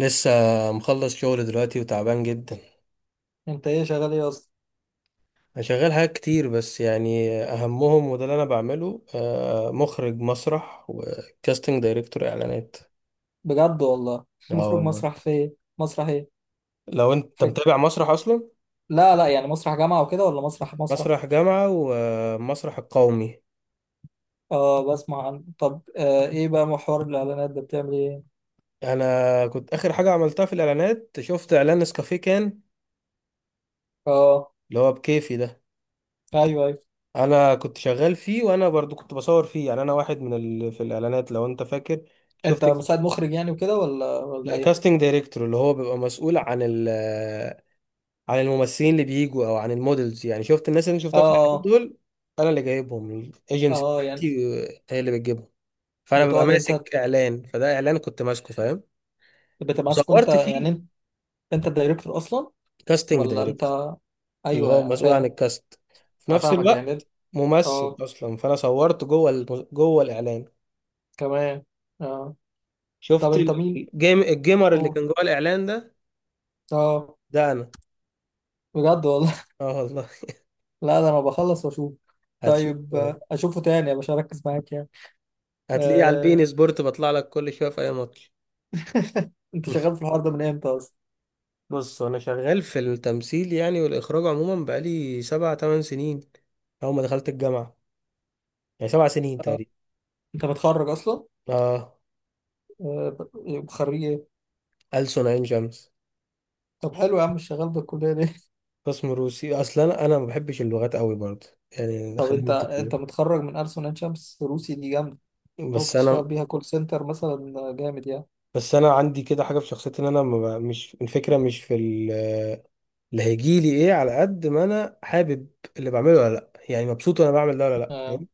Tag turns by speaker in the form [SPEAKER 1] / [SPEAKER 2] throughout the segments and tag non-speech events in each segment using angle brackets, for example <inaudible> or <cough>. [SPEAKER 1] لسه مخلص شغل دلوقتي وتعبان جدا.
[SPEAKER 2] انت ايه شغال ايه اصلا؟
[SPEAKER 1] انا شغال حاجات كتير، بس يعني اهمهم وده اللي انا بعمله، مخرج مسرح وكاستنج دايركتور اعلانات.
[SPEAKER 2] بجد والله. <laughs>
[SPEAKER 1] اه
[SPEAKER 2] مخرج
[SPEAKER 1] والله.
[SPEAKER 2] مسرح، في ايه مسرح ايه؟
[SPEAKER 1] لو انت
[SPEAKER 2] في...
[SPEAKER 1] متابع مسرح اصلا؟
[SPEAKER 2] لا لا، يعني مسرح جامعة وكده ولا مسرح مسرح؟
[SPEAKER 1] مسرح جامعة ومسرح القومي.
[SPEAKER 2] اه، بسمع عن طب. ايه بقى محور الاعلانات ده، بتعمل ايه؟
[SPEAKER 1] انا كنت اخر حاجة عملتها في الاعلانات، شفت اعلان نسكافيه كان
[SPEAKER 2] اه،
[SPEAKER 1] اللي هو بكيفي ده.
[SPEAKER 2] ايوه ايوه.
[SPEAKER 1] انا كنت شغال فيه، وانا برضو كنت بصور فيه، يعني انا واحد من في الاعلانات، لو انت فاكر.
[SPEAKER 2] انت
[SPEAKER 1] شفت.
[SPEAKER 2] مساعد مخرج يعني وكده ولا
[SPEAKER 1] لا،
[SPEAKER 2] ايه؟
[SPEAKER 1] كاستنج دايركتور اللي هو بيبقى مسؤول عن الممثلين اللي بيجوا او عن المودلز، يعني شفت الناس اللي أنا
[SPEAKER 2] اه
[SPEAKER 1] شفتها في الفيلم
[SPEAKER 2] اه.
[SPEAKER 1] دول. انا اللي جايبهم.
[SPEAKER 2] اه
[SPEAKER 1] الايجنسي
[SPEAKER 2] اه، يعني.
[SPEAKER 1] بتاعتي هي اللي بتجيبهم. فانا ببقى
[SPEAKER 2] بتقعد انت.
[SPEAKER 1] ماسك اعلان، فده اعلان كنت ماسكه، فاهم.
[SPEAKER 2] بتمسك انت
[SPEAKER 1] وصورت
[SPEAKER 2] يعني
[SPEAKER 1] فيه.
[SPEAKER 2] انت. انت الدايركتور اصلا؟
[SPEAKER 1] كاستنج
[SPEAKER 2] ولا انت.
[SPEAKER 1] دايركتور اللي هو
[SPEAKER 2] ايوه انا
[SPEAKER 1] مسؤول عن
[SPEAKER 2] فاهم.
[SPEAKER 1] الكاست في
[SPEAKER 2] انا
[SPEAKER 1] نفس
[SPEAKER 2] فاهمك
[SPEAKER 1] الوقت،
[SPEAKER 2] يعني.
[SPEAKER 1] ممثل
[SPEAKER 2] اه
[SPEAKER 1] اصلا، فانا صورت جوه جوه الاعلان.
[SPEAKER 2] كمان اه. طب
[SPEAKER 1] شفت
[SPEAKER 2] انت مين؟
[SPEAKER 1] الجيمر اللي
[SPEAKER 2] اوه.
[SPEAKER 1] كان جوه الاعلان ده،
[SPEAKER 2] اه.
[SPEAKER 1] ده انا.
[SPEAKER 2] بجد والله.
[SPEAKER 1] اه والله. <laughs>
[SPEAKER 2] لا، ده انا بخلص واشوف.
[SPEAKER 1] هتشوف،
[SPEAKER 2] طيب، اشوفه تاني، مش هركز معاك يعني.
[SPEAKER 1] هتلاقيه على
[SPEAKER 2] آه،
[SPEAKER 1] البين سبورت، بطلع لك كل شويه في اي ماتش.
[SPEAKER 2] انت شغال
[SPEAKER 1] <laughs>
[SPEAKER 2] في الحوار ده من امتى اصلا؟
[SPEAKER 1] بص، انا شغال في التمثيل يعني والاخراج عموما بقالي سبع تمن سنين، اول ما دخلت الجامعه، يعني 7 سنين تقريبا.
[SPEAKER 2] انت متخرج اصلا؟
[SPEAKER 1] اه.
[SPEAKER 2] آه، خريج ايه؟
[SPEAKER 1] ألسن عين شمس.
[SPEAKER 2] طب حلو يا عم، مش شغال بالكليه ليه؟
[SPEAKER 1] قسم روسي اصلا، انا ما بحبش اللغات قوي برضه،
[SPEAKER 2] <laughs>
[SPEAKER 1] يعني
[SPEAKER 2] طب
[SPEAKER 1] خلينا
[SPEAKER 2] انت
[SPEAKER 1] متفقين.
[SPEAKER 2] متخرج من ألسن عين شمس، روسي دي جامده. انت ممكن
[SPEAKER 1] بس انا
[SPEAKER 2] تشتغل بيها كول سنتر مثلا، جامد يعني.
[SPEAKER 1] بس انا عندي كده حاجه في شخصيتي، ان انا ما بقى- مش الفكره مش في اللي هيجي لي ايه، على قد ما انا حابب اللي بعمله ولا لا، يعني مبسوط وانا بعمل ده ولا لا.
[SPEAKER 2] آه.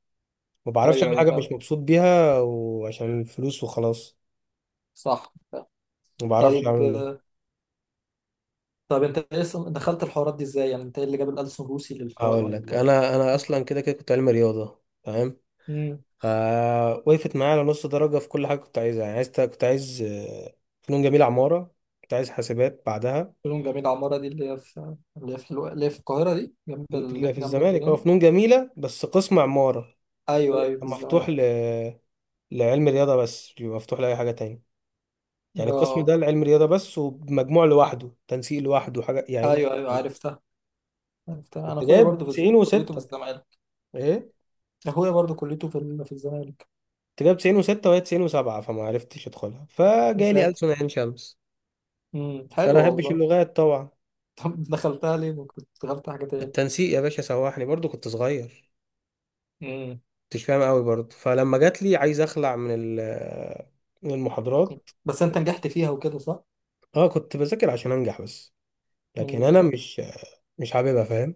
[SPEAKER 1] ما بعرفش
[SPEAKER 2] ايوه
[SPEAKER 1] اعمل
[SPEAKER 2] ايوه
[SPEAKER 1] حاجه
[SPEAKER 2] فاهم.
[SPEAKER 1] مش مبسوط بيها وعشان الفلوس وخلاص.
[SPEAKER 2] صح.
[SPEAKER 1] ما بعرفش
[SPEAKER 2] طيب،
[SPEAKER 1] اعمل ده.
[SPEAKER 2] طب انت ايه اصلا دخلت الحوارات دي ازاي؟ يعني انت ايه اللي جاب الألسن روسي للحوار
[SPEAKER 1] هقول لك،
[SPEAKER 2] لل...
[SPEAKER 1] انا
[SPEAKER 2] آه.
[SPEAKER 1] اصلا كده كده كنت علمي رياضه، تمام.
[SPEAKER 2] مم.
[SPEAKER 1] وقفت معايا على نص درجه في كل حاجه كنت عايزها، يعني كنت عايز فنون جميله عماره، كنت عايز حاسبات بعدها.
[SPEAKER 2] شؤون جميل عمارة دي اللي هي في، اللي هي في القاهرة دي، جنب
[SPEAKER 1] اللي في
[SPEAKER 2] جنب
[SPEAKER 1] الزمالك، اه،
[SPEAKER 2] الجنينة.
[SPEAKER 1] فنون جميله بس قسم عماره. ده
[SPEAKER 2] أيوه أيوه،
[SPEAKER 1] بيبقى
[SPEAKER 2] في
[SPEAKER 1] مفتوح
[SPEAKER 2] الزمالك.
[SPEAKER 1] لعلم رياضه بس، بيبقى مفتوح لاي حاجه تانية. يعني القسم
[SPEAKER 2] اه.
[SPEAKER 1] ده لعلم رياضه بس، ومجموع لوحده، تنسيق لوحده، حاجه يعني
[SPEAKER 2] أيوه أيوه
[SPEAKER 1] لوحده.
[SPEAKER 2] عرفتها. عرفتها. أنا
[SPEAKER 1] كنت
[SPEAKER 2] أخويا
[SPEAKER 1] جايب
[SPEAKER 2] برضه في كليته في
[SPEAKER 1] 96.
[SPEAKER 2] الزمالك.
[SPEAKER 1] ايه؟
[SPEAKER 2] أخويا برضه كليته في الزمالك.
[SPEAKER 1] كنت جايب 96 وهي 97، فما عرفتش ادخلها
[SPEAKER 2] يا
[SPEAKER 1] فجالي ألسن
[SPEAKER 2] ساتر.
[SPEAKER 1] عين شمس. انا
[SPEAKER 2] حلو
[SPEAKER 1] ما بحبش
[SPEAKER 2] والله.
[SPEAKER 1] اللغات طبعا.
[SPEAKER 2] <laughs> طب دخلتها ليه؟ ما كنت دخلت حاجة تاني.
[SPEAKER 1] التنسيق يا باشا سوحني، برضو كنت صغير،
[SPEAKER 2] امم.
[SPEAKER 1] كنتش فاهم قوي برضو، فلما جات لي عايز اخلع من من المحاضرات.
[SPEAKER 2] بس أنت نجحت فيها وكده صح؟
[SPEAKER 1] اه، كنت بذاكر عشان انجح بس، لكن
[SPEAKER 2] امم.
[SPEAKER 1] انا مش حاببها، فاهم.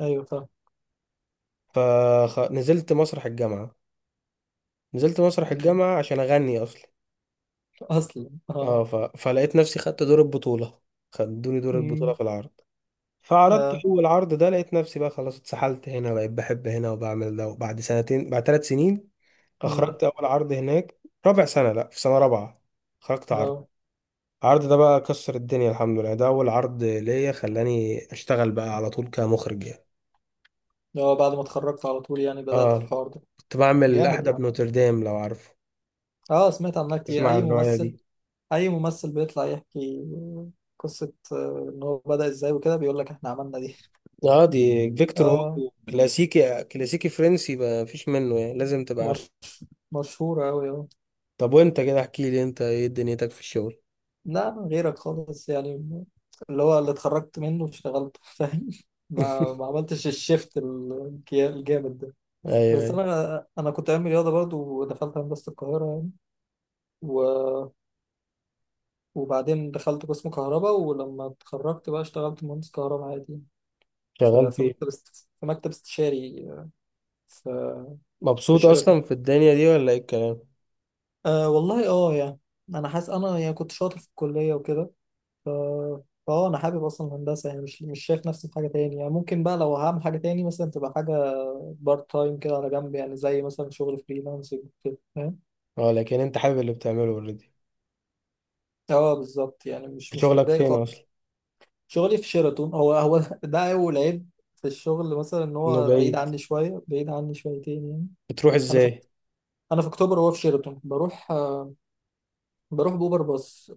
[SPEAKER 2] أيوه فاهم.
[SPEAKER 1] فنزلت مسرح الجامعة، نزلت مسرح
[SPEAKER 2] مم.
[SPEAKER 1] الجامعة عشان اغني اصلا.
[SPEAKER 2] أصلا اه.
[SPEAKER 1] اه، فلقيت نفسي خدت دور البطولة، خدوني دور البطولة
[SPEAKER 2] امم.
[SPEAKER 1] في العرض. فعرضت
[SPEAKER 2] اه.
[SPEAKER 1] اول عرض ده، لقيت نفسي بقى خلاص اتسحلت هنا، بقيت بحب هنا وبعمل ده، وبعد سنتين، بعد 3 سنين
[SPEAKER 2] امم.
[SPEAKER 1] اخرجت اول عرض هناك. رابع سنه، لا، في سنه رابعه خرجت عرض.
[SPEAKER 2] اه.
[SPEAKER 1] العرض ده بقى كسر الدنيا الحمد لله، ده اول عرض ليا خلاني اشتغل بقى على طول كمخرج يعني.
[SPEAKER 2] بعد ما اتخرجت على طول يعني بدأت في
[SPEAKER 1] اه
[SPEAKER 2] الحوار ده؟
[SPEAKER 1] كنت بعمل
[SPEAKER 2] جامد
[SPEAKER 1] احدى
[SPEAKER 2] يعني.
[SPEAKER 1] بنوتردام، لو عارفه.
[SPEAKER 2] اه، سمعت عنها كتير.
[SPEAKER 1] اسمع
[SPEAKER 2] اي
[SPEAKER 1] الروايه
[SPEAKER 2] ممثل.
[SPEAKER 1] دي.
[SPEAKER 2] اي ممثل بيطلع يحكي قصة، ان هو بدأ ازاي وكده، بيقول لك احنا عملنا دي.
[SPEAKER 1] اه، دي
[SPEAKER 2] <laughs>
[SPEAKER 1] فيكتور
[SPEAKER 2] اه.
[SPEAKER 1] هوجو، كلاسيكي كلاسيكي فرنسي، ما فيش منه، يعني لازم تبقى عارفه.
[SPEAKER 2] مش مشهورة اوي، اه.
[SPEAKER 1] طب وانت كده احكي لي، انت ايه دنيتك في الشغل؟
[SPEAKER 2] لا غيرك خالص يعني. اللي هو اللي اتخرجت منه اشتغلت. <laughs> فاهم. ما
[SPEAKER 1] <laughs>
[SPEAKER 2] عملتش الشيفت الجامد ده.
[SPEAKER 1] ايوه
[SPEAKER 2] بس
[SPEAKER 1] ايوه.
[SPEAKER 2] انا كنت عامل رياضة برضو، ودخلت هندسة القاهرة يعني. و... وبعدين دخلت قسم كهرباء، ولما اتخرجت بقى اشتغلت مهندس كهرباء عادي في
[SPEAKER 1] شغال
[SPEAKER 2] في
[SPEAKER 1] فيه.
[SPEAKER 2] مكتب في مكتب استشاري، في، في
[SPEAKER 1] مبسوط
[SPEAKER 2] شركة.
[SPEAKER 1] اصلا في الدنيا دي ولا ايه الكلام؟
[SPEAKER 2] أه والله، اه يعني انا حاسس انا يعني كنت شاطر في الكليه وكده. ف انا حابب اصلا الهندسه يعني، مش شايف نفسي في حاجه تاني يعني. ممكن بقى لو هعمل حاجه تاني مثلا تبقى حاجه بارت تايم كده على جنب، يعني زي مثلا شغل فريلانسنج كده، فاهم.
[SPEAKER 1] اه، لكن انت حابب اللي بتعمله اوريدي.
[SPEAKER 2] اه بالظبط، يعني مش
[SPEAKER 1] شغلك
[SPEAKER 2] متضايق
[SPEAKER 1] فين
[SPEAKER 2] خالص.
[SPEAKER 1] اصلا؟
[SPEAKER 2] شغلي في شيراتون هو هو. <laughs> ده اول عيب في الشغل، مثلا ان
[SPEAKER 1] انه
[SPEAKER 2] هو بعيد
[SPEAKER 1] بعيد.
[SPEAKER 2] عني شويه، بعيد عني شويتين يعني.
[SPEAKER 1] بتروح
[SPEAKER 2] انا في
[SPEAKER 1] ازاي؟
[SPEAKER 2] انا في اكتوبر وهو في شيراتون، بروح بروح باوبر باص.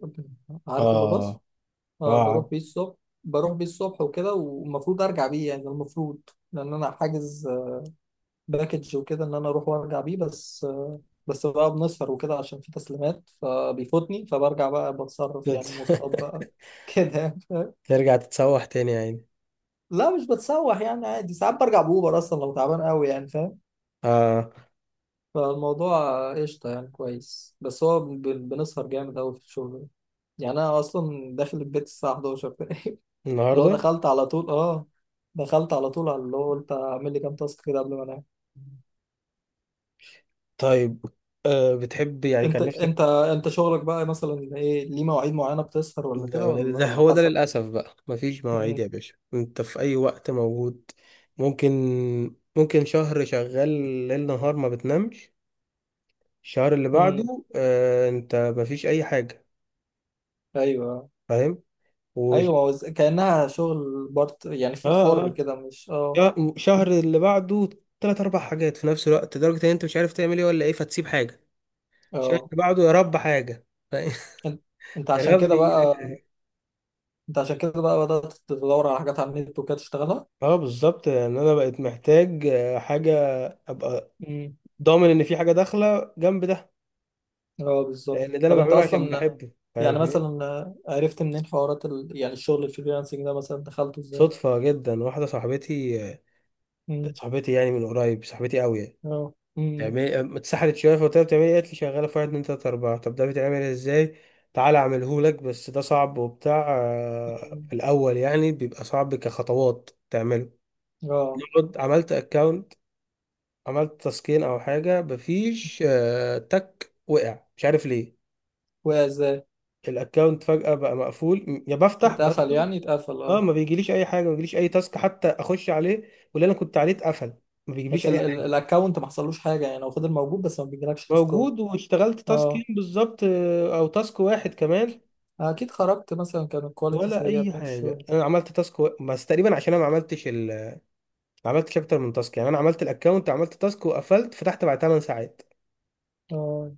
[SPEAKER 2] عارف اوبر باص؟
[SPEAKER 1] اه، اه،
[SPEAKER 2] اه، بروح بيه الصبح. بروح بيه الصبح وكده، والمفروض ارجع بيه، يعني المفروض، لان انا حاجز باكج وكده ان انا اروح وارجع بيه. بس بقى بنسهر وكده عشان في تسليمات فبيفوتني، فبرجع بقى بتصرف يعني، مواصلات بقى.
[SPEAKER 1] <laughs>
[SPEAKER 2] <laughs> كده يعني فاهم؟
[SPEAKER 1] ترجع تتسوح تاني يعني.
[SPEAKER 2] لا مش بتسوح يعني، عادي ساعات برجع بأوبر اصلا لو تعبان قوي، يعني فاهم.
[SPEAKER 1] اه.
[SPEAKER 2] فالموضوع قشطه يعني كويس. بس هو بنسهر جامد قوي في الشغل ده. يعني انا اصلا داخل البيت الساعه 11. <laughs> اللي هو
[SPEAKER 1] النهارده.
[SPEAKER 2] دخلت على طول، اه، دخلت على طول، على اللي هو قلت اعمل لي كام تاسك كده قبل ما انام.
[SPEAKER 1] طيب، بتحب يعني،
[SPEAKER 2] انت
[SPEAKER 1] كان نفسك.
[SPEAKER 2] انت انت شغلك بقى مثلا ايه؟ ليه مواعيد معينه، بتسهر ولا كده،
[SPEAKER 1] ده
[SPEAKER 2] ولا
[SPEAKER 1] ده
[SPEAKER 2] ولا
[SPEAKER 1] هو ده
[SPEAKER 2] حسب؟
[SPEAKER 1] للاسف بقى، مفيش مواعيد
[SPEAKER 2] امم.
[SPEAKER 1] يا باشا، انت في اي وقت موجود. ممكن ممكن شهر شغال ليل نهار ما بتنامش، الشهر اللي
[SPEAKER 2] امم.
[SPEAKER 1] بعده انت مفيش اي حاجه،
[SPEAKER 2] ايوه
[SPEAKER 1] فاهم و...
[SPEAKER 2] ايوه، ما هو كانها شغل بارت يعني، في
[SPEAKER 1] اه
[SPEAKER 2] حر
[SPEAKER 1] اه،
[SPEAKER 2] كده مش، اه.
[SPEAKER 1] شهر اللي بعده تلات اربع حاجات في نفس الوقت، لدرجة ان انت مش عارف تعمل ايه ولا ايه، فتسيب حاجة. الشهر
[SPEAKER 2] اه،
[SPEAKER 1] اللي بعده يا رب حاجة، <laughs>
[SPEAKER 2] انت انت
[SPEAKER 1] يا
[SPEAKER 2] عشان
[SPEAKER 1] رب
[SPEAKER 2] كده بقى.
[SPEAKER 1] يجيلك.
[SPEAKER 2] انت عشان كده بقى بدات تدور على حاجات على النت وكده تشتغلها.
[SPEAKER 1] اه بالظبط، لان انا بقيت محتاج حاجة ابقى
[SPEAKER 2] امم.
[SPEAKER 1] ضامن ان في حاجة داخلة جنب ده،
[SPEAKER 2] اه بالظبط.
[SPEAKER 1] لان ده انا
[SPEAKER 2] طب انت
[SPEAKER 1] بعمله عشان
[SPEAKER 2] اصلا،
[SPEAKER 1] بحبه، فاهم
[SPEAKER 2] يعني
[SPEAKER 1] حاجة؟
[SPEAKER 2] مثلا عرفت منين حوارات يعني الشغل الفريلانسنج ده، مثلا دخلته ازاي؟
[SPEAKER 1] صدفة جدا. واحدة صاحبتي، صاحبتي يعني من قريب، صاحبتي قوي.
[SPEAKER 2] اه، امم.
[SPEAKER 1] تعملي اتسحلت شويه فقلت لها بتعملي إيه؟ قالت لي شغاله في واحد اتنين تلاته اربعه. طب ده بيتعمل ازاي؟ تعالى اعمله لك، بس ده صعب وبتاع، في
[SPEAKER 2] أمم.
[SPEAKER 1] الاول يعني بيبقى صعب كخطوات تعمله.
[SPEAKER 2] اه.
[SPEAKER 1] نقعد. عملت اكونت، عملت تسكين او حاجه، مفيش تك، وقع مش عارف ليه.
[SPEAKER 2] وقع ازاي؟
[SPEAKER 1] الاكونت فجاه بقى مقفول، يا بفتح
[SPEAKER 2] اتقفل
[SPEAKER 1] بدخل.
[SPEAKER 2] يعني اتقفل،
[SPEAKER 1] اه،
[SPEAKER 2] اه.
[SPEAKER 1] ما بيجيليش اي حاجه، ما بيجيليش اي تاسك حتى اخش عليه، واللي انا كنت عليه اتقفل. ما بيجيبليش
[SPEAKER 2] بس
[SPEAKER 1] اي حاجه.
[SPEAKER 2] الاكونت ما حصلوش حاجه يعني، هو فضل موجود بس ما بيجيلكش تسكور.
[SPEAKER 1] موجود، واشتغلت تاسكين
[SPEAKER 2] اه
[SPEAKER 1] بالظبط، او تاسك واحد كمان.
[SPEAKER 2] اكيد خرجت، مثلا كان الكواليتي
[SPEAKER 1] ولا
[SPEAKER 2] سيئه
[SPEAKER 1] اي
[SPEAKER 2] بتاعت
[SPEAKER 1] حاجه،
[SPEAKER 2] الشغل.
[SPEAKER 1] انا عملت تاسك بس تقريبا عشان انا ما عملتش اكتر من تاسك، يعني انا عملت الاكونت عملت تاسك وقفلت، فتحت بعد 8 ساعات،
[SPEAKER 2] اه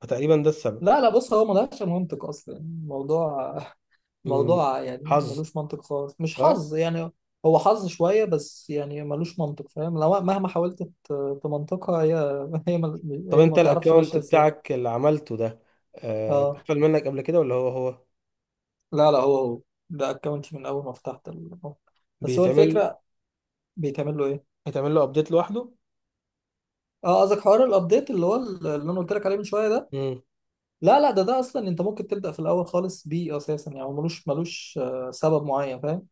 [SPEAKER 1] فتقريبا ده السبب.
[SPEAKER 2] لا لا، بص هو ملهاش منطق اصلا الموضوع. <laughs>
[SPEAKER 1] مم.
[SPEAKER 2] موضوع يعني
[SPEAKER 1] حظ.
[SPEAKER 2] ملوش منطق خالص، مش
[SPEAKER 1] صح.
[SPEAKER 2] حظ يعني. هو حظ شويه بس، يعني ملوش منطق، فاهم. لو مهما حاولت تمنطقها هي. <laughs> هي
[SPEAKER 1] طب
[SPEAKER 2] هي ما
[SPEAKER 1] انت
[SPEAKER 2] تعرفش ماشيه
[SPEAKER 1] الاكونت
[SPEAKER 2] ازاي.
[SPEAKER 1] بتاعك اللي عملته ده،
[SPEAKER 2] اه
[SPEAKER 1] اتقفل منك قبل كده ولا هو هو؟
[SPEAKER 2] لا لا، هو هو. ده اكونت من اول ما فتحت أه. بس هو
[SPEAKER 1] بيتعمل.
[SPEAKER 2] الفكره، بيتعمل له ايه؟
[SPEAKER 1] بيتعمل له ابديت لوحده.
[SPEAKER 2] اه قصدك حوار الابديت اللي هو اللي انا قلت لك عليه من شويه ده؟
[SPEAKER 1] امم.
[SPEAKER 2] لا لا، ده اصلا انت ممكن تبدا في الاول خالص بيه اساسا، يعني هو ملوش سبب معين، فاهم.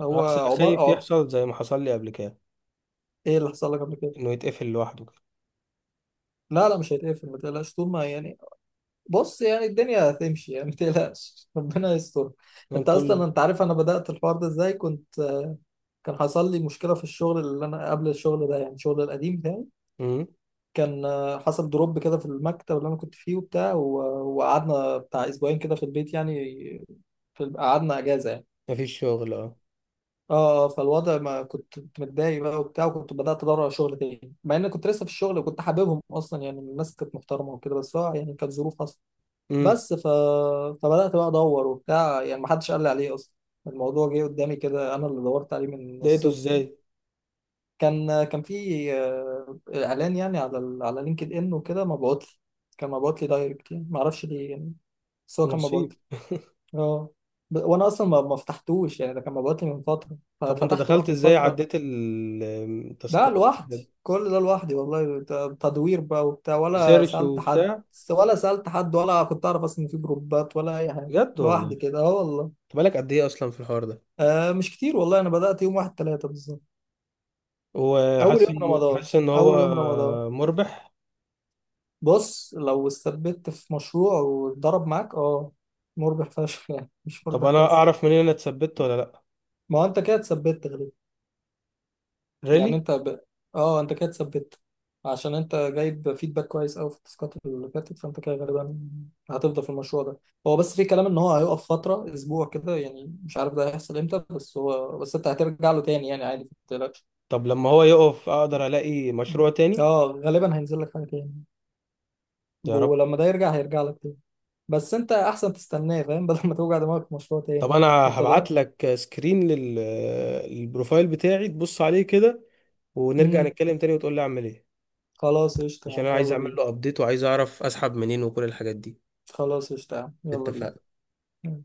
[SPEAKER 2] هو
[SPEAKER 1] بس انا
[SPEAKER 2] عمر،
[SPEAKER 1] خايف
[SPEAKER 2] اه.
[SPEAKER 1] يحصل زي ما حصل لي قبل كده،
[SPEAKER 2] ايه اللي حصل لك قبل كده؟
[SPEAKER 1] انه يتقفل لوحده.
[SPEAKER 2] لا لا، مش هيتقفل، ما تقلقش طول ما يعني. بص يعني الدنيا هتمشي، يعني ما تقلقش. <laughs> ربنا يستر.
[SPEAKER 1] كده
[SPEAKER 2] انت
[SPEAKER 1] انت تقول
[SPEAKER 2] اصلا
[SPEAKER 1] لي.
[SPEAKER 2] انت عارف انا بدات الحوار ده ازاي؟ كنت، كان حصل لي مشكله في الشغل اللي انا قبل الشغل ده، يعني الشغل القديم بتاعي.
[SPEAKER 1] امم.
[SPEAKER 2] كان حصل دروب كده في المكتب اللي انا كنت فيه وبتاع، وقعدنا بتاع اسبوعين كده في البيت يعني، في قعدنا اجازه يعني.
[SPEAKER 1] مفيش شغل، اه.
[SPEAKER 2] اه. فالوضع، ما كنت متضايق بقى وبتاع، وكنت بدات ادور على شغل تاني، مع ان كنت لسه في الشغل وكنت حاببهم اصلا، يعني الناس كانت محترمه وكده، بس هو يعني كانت ظروف اصلا.
[SPEAKER 1] امم.
[SPEAKER 2] بس ف... فبدات بقى ادور وبتاع، يعني ما حدش قال لي عليه اصلا. الموضوع جه قدامي كده، انا اللي دورت عليه من
[SPEAKER 1] لقيته
[SPEAKER 2] الصفر.
[SPEAKER 1] ازاي؟
[SPEAKER 2] كان في اعلان يعني على على لينكد ان وكده، مبعوت لي. كان مبعوت لي دايركت يعني، ما اعرفش ليه يعني. بس هو كان مبعوت
[SPEAKER 1] نصيب.
[SPEAKER 2] لي. اه، وانا اصلا ما فتحتوش يعني، ده كان مبعوت لي من فتره
[SPEAKER 1] طب وانت
[SPEAKER 2] ففتحته بقى
[SPEAKER 1] دخلت
[SPEAKER 2] في
[SPEAKER 1] ازاي
[SPEAKER 2] الفتره.
[SPEAKER 1] عديت
[SPEAKER 2] ده
[SPEAKER 1] التاسكات والحاجات
[SPEAKER 2] لوحدي،
[SPEAKER 1] دي؟
[SPEAKER 2] كل ده لوحدي والله، تدوير بقى وبتاع، ولا
[SPEAKER 1] سيرش
[SPEAKER 2] سالت حد،
[SPEAKER 1] وبتاع.
[SPEAKER 2] ولا سالت حد، ولا كنت اعرف اصلا إن في جروبات ولا اي حاجه.
[SPEAKER 1] بجد والله.
[SPEAKER 2] لوحدي كده، اه والله.
[SPEAKER 1] انت بالك قد ايه اصلا في الحوار ده؟
[SPEAKER 2] مش كتير والله، انا بدات يوم واحد ثلاثة بالظبط. اول
[SPEAKER 1] وحاسس
[SPEAKER 2] يوم
[SPEAKER 1] انه
[SPEAKER 2] رمضان.
[SPEAKER 1] حاسس ان
[SPEAKER 2] اول
[SPEAKER 1] هو
[SPEAKER 2] يوم رمضان.
[SPEAKER 1] مربح.
[SPEAKER 2] بص لو استثبت في مشروع وضرب معاك، اه، مربح فشخ يعني، مش
[SPEAKER 1] طب
[SPEAKER 2] مربح
[SPEAKER 1] انا
[SPEAKER 2] بس.
[SPEAKER 1] اعرف منين انا اتثبت ولا لا؟
[SPEAKER 2] ما هو انت كده اتثبت غالبا.
[SPEAKER 1] ريلي.
[SPEAKER 2] يعني انت ب... اه انت كده اتثبت، عشان انت جايب فيدباك كويس قوي في التاسكات اللي فاتت، فانت كده غالبا هتفضل في المشروع ده. هو بس في كلام ان هو هيقف فترة اسبوع كده يعني، مش عارف ده هيحصل امتى، بس هو، بس انت هترجع له تاني يعني عادي، ما تقلقش.
[SPEAKER 1] طب لما هو يقف اقدر الاقي مشروع تاني.
[SPEAKER 2] اه غالبا هينزل لك حاجة تاني،
[SPEAKER 1] يا رب.
[SPEAKER 2] ولما ده يرجع هيرجع لك تاني. بس انت احسن تستناه، فاهم. <laughs> بدل ما توجع دماغك في مشروع
[SPEAKER 1] طب
[SPEAKER 2] تاني
[SPEAKER 1] انا
[SPEAKER 2] انت
[SPEAKER 1] هبعت
[SPEAKER 2] ده.
[SPEAKER 1] لك سكرين للبروفايل بتاعي تبص عليه كده، ونرجع
[SPEAKER 2] امم
[SPEAKER 1] نتكلم تاني وتقول لي اعمل ايه،
[SPEAKER 2] خلاص قشطة يا
[SPEAKER 1] عشان انا
[SPEAKER 2] عم،
[SPEAKER 1] عايز
[SPEAKER 2] يلا
[SPEAKER 1] اعمل
[SPEAKER 2] بينا.
[SPEAKER 1] له ابديت وعايز اعرف اسحب منين وكل الحاجات دي.
[SPEAKER 2] خلاص قشطة يا عم، يلا
[SPEAKER 1] اتفقنا.
[SPEAKER 2] بينا.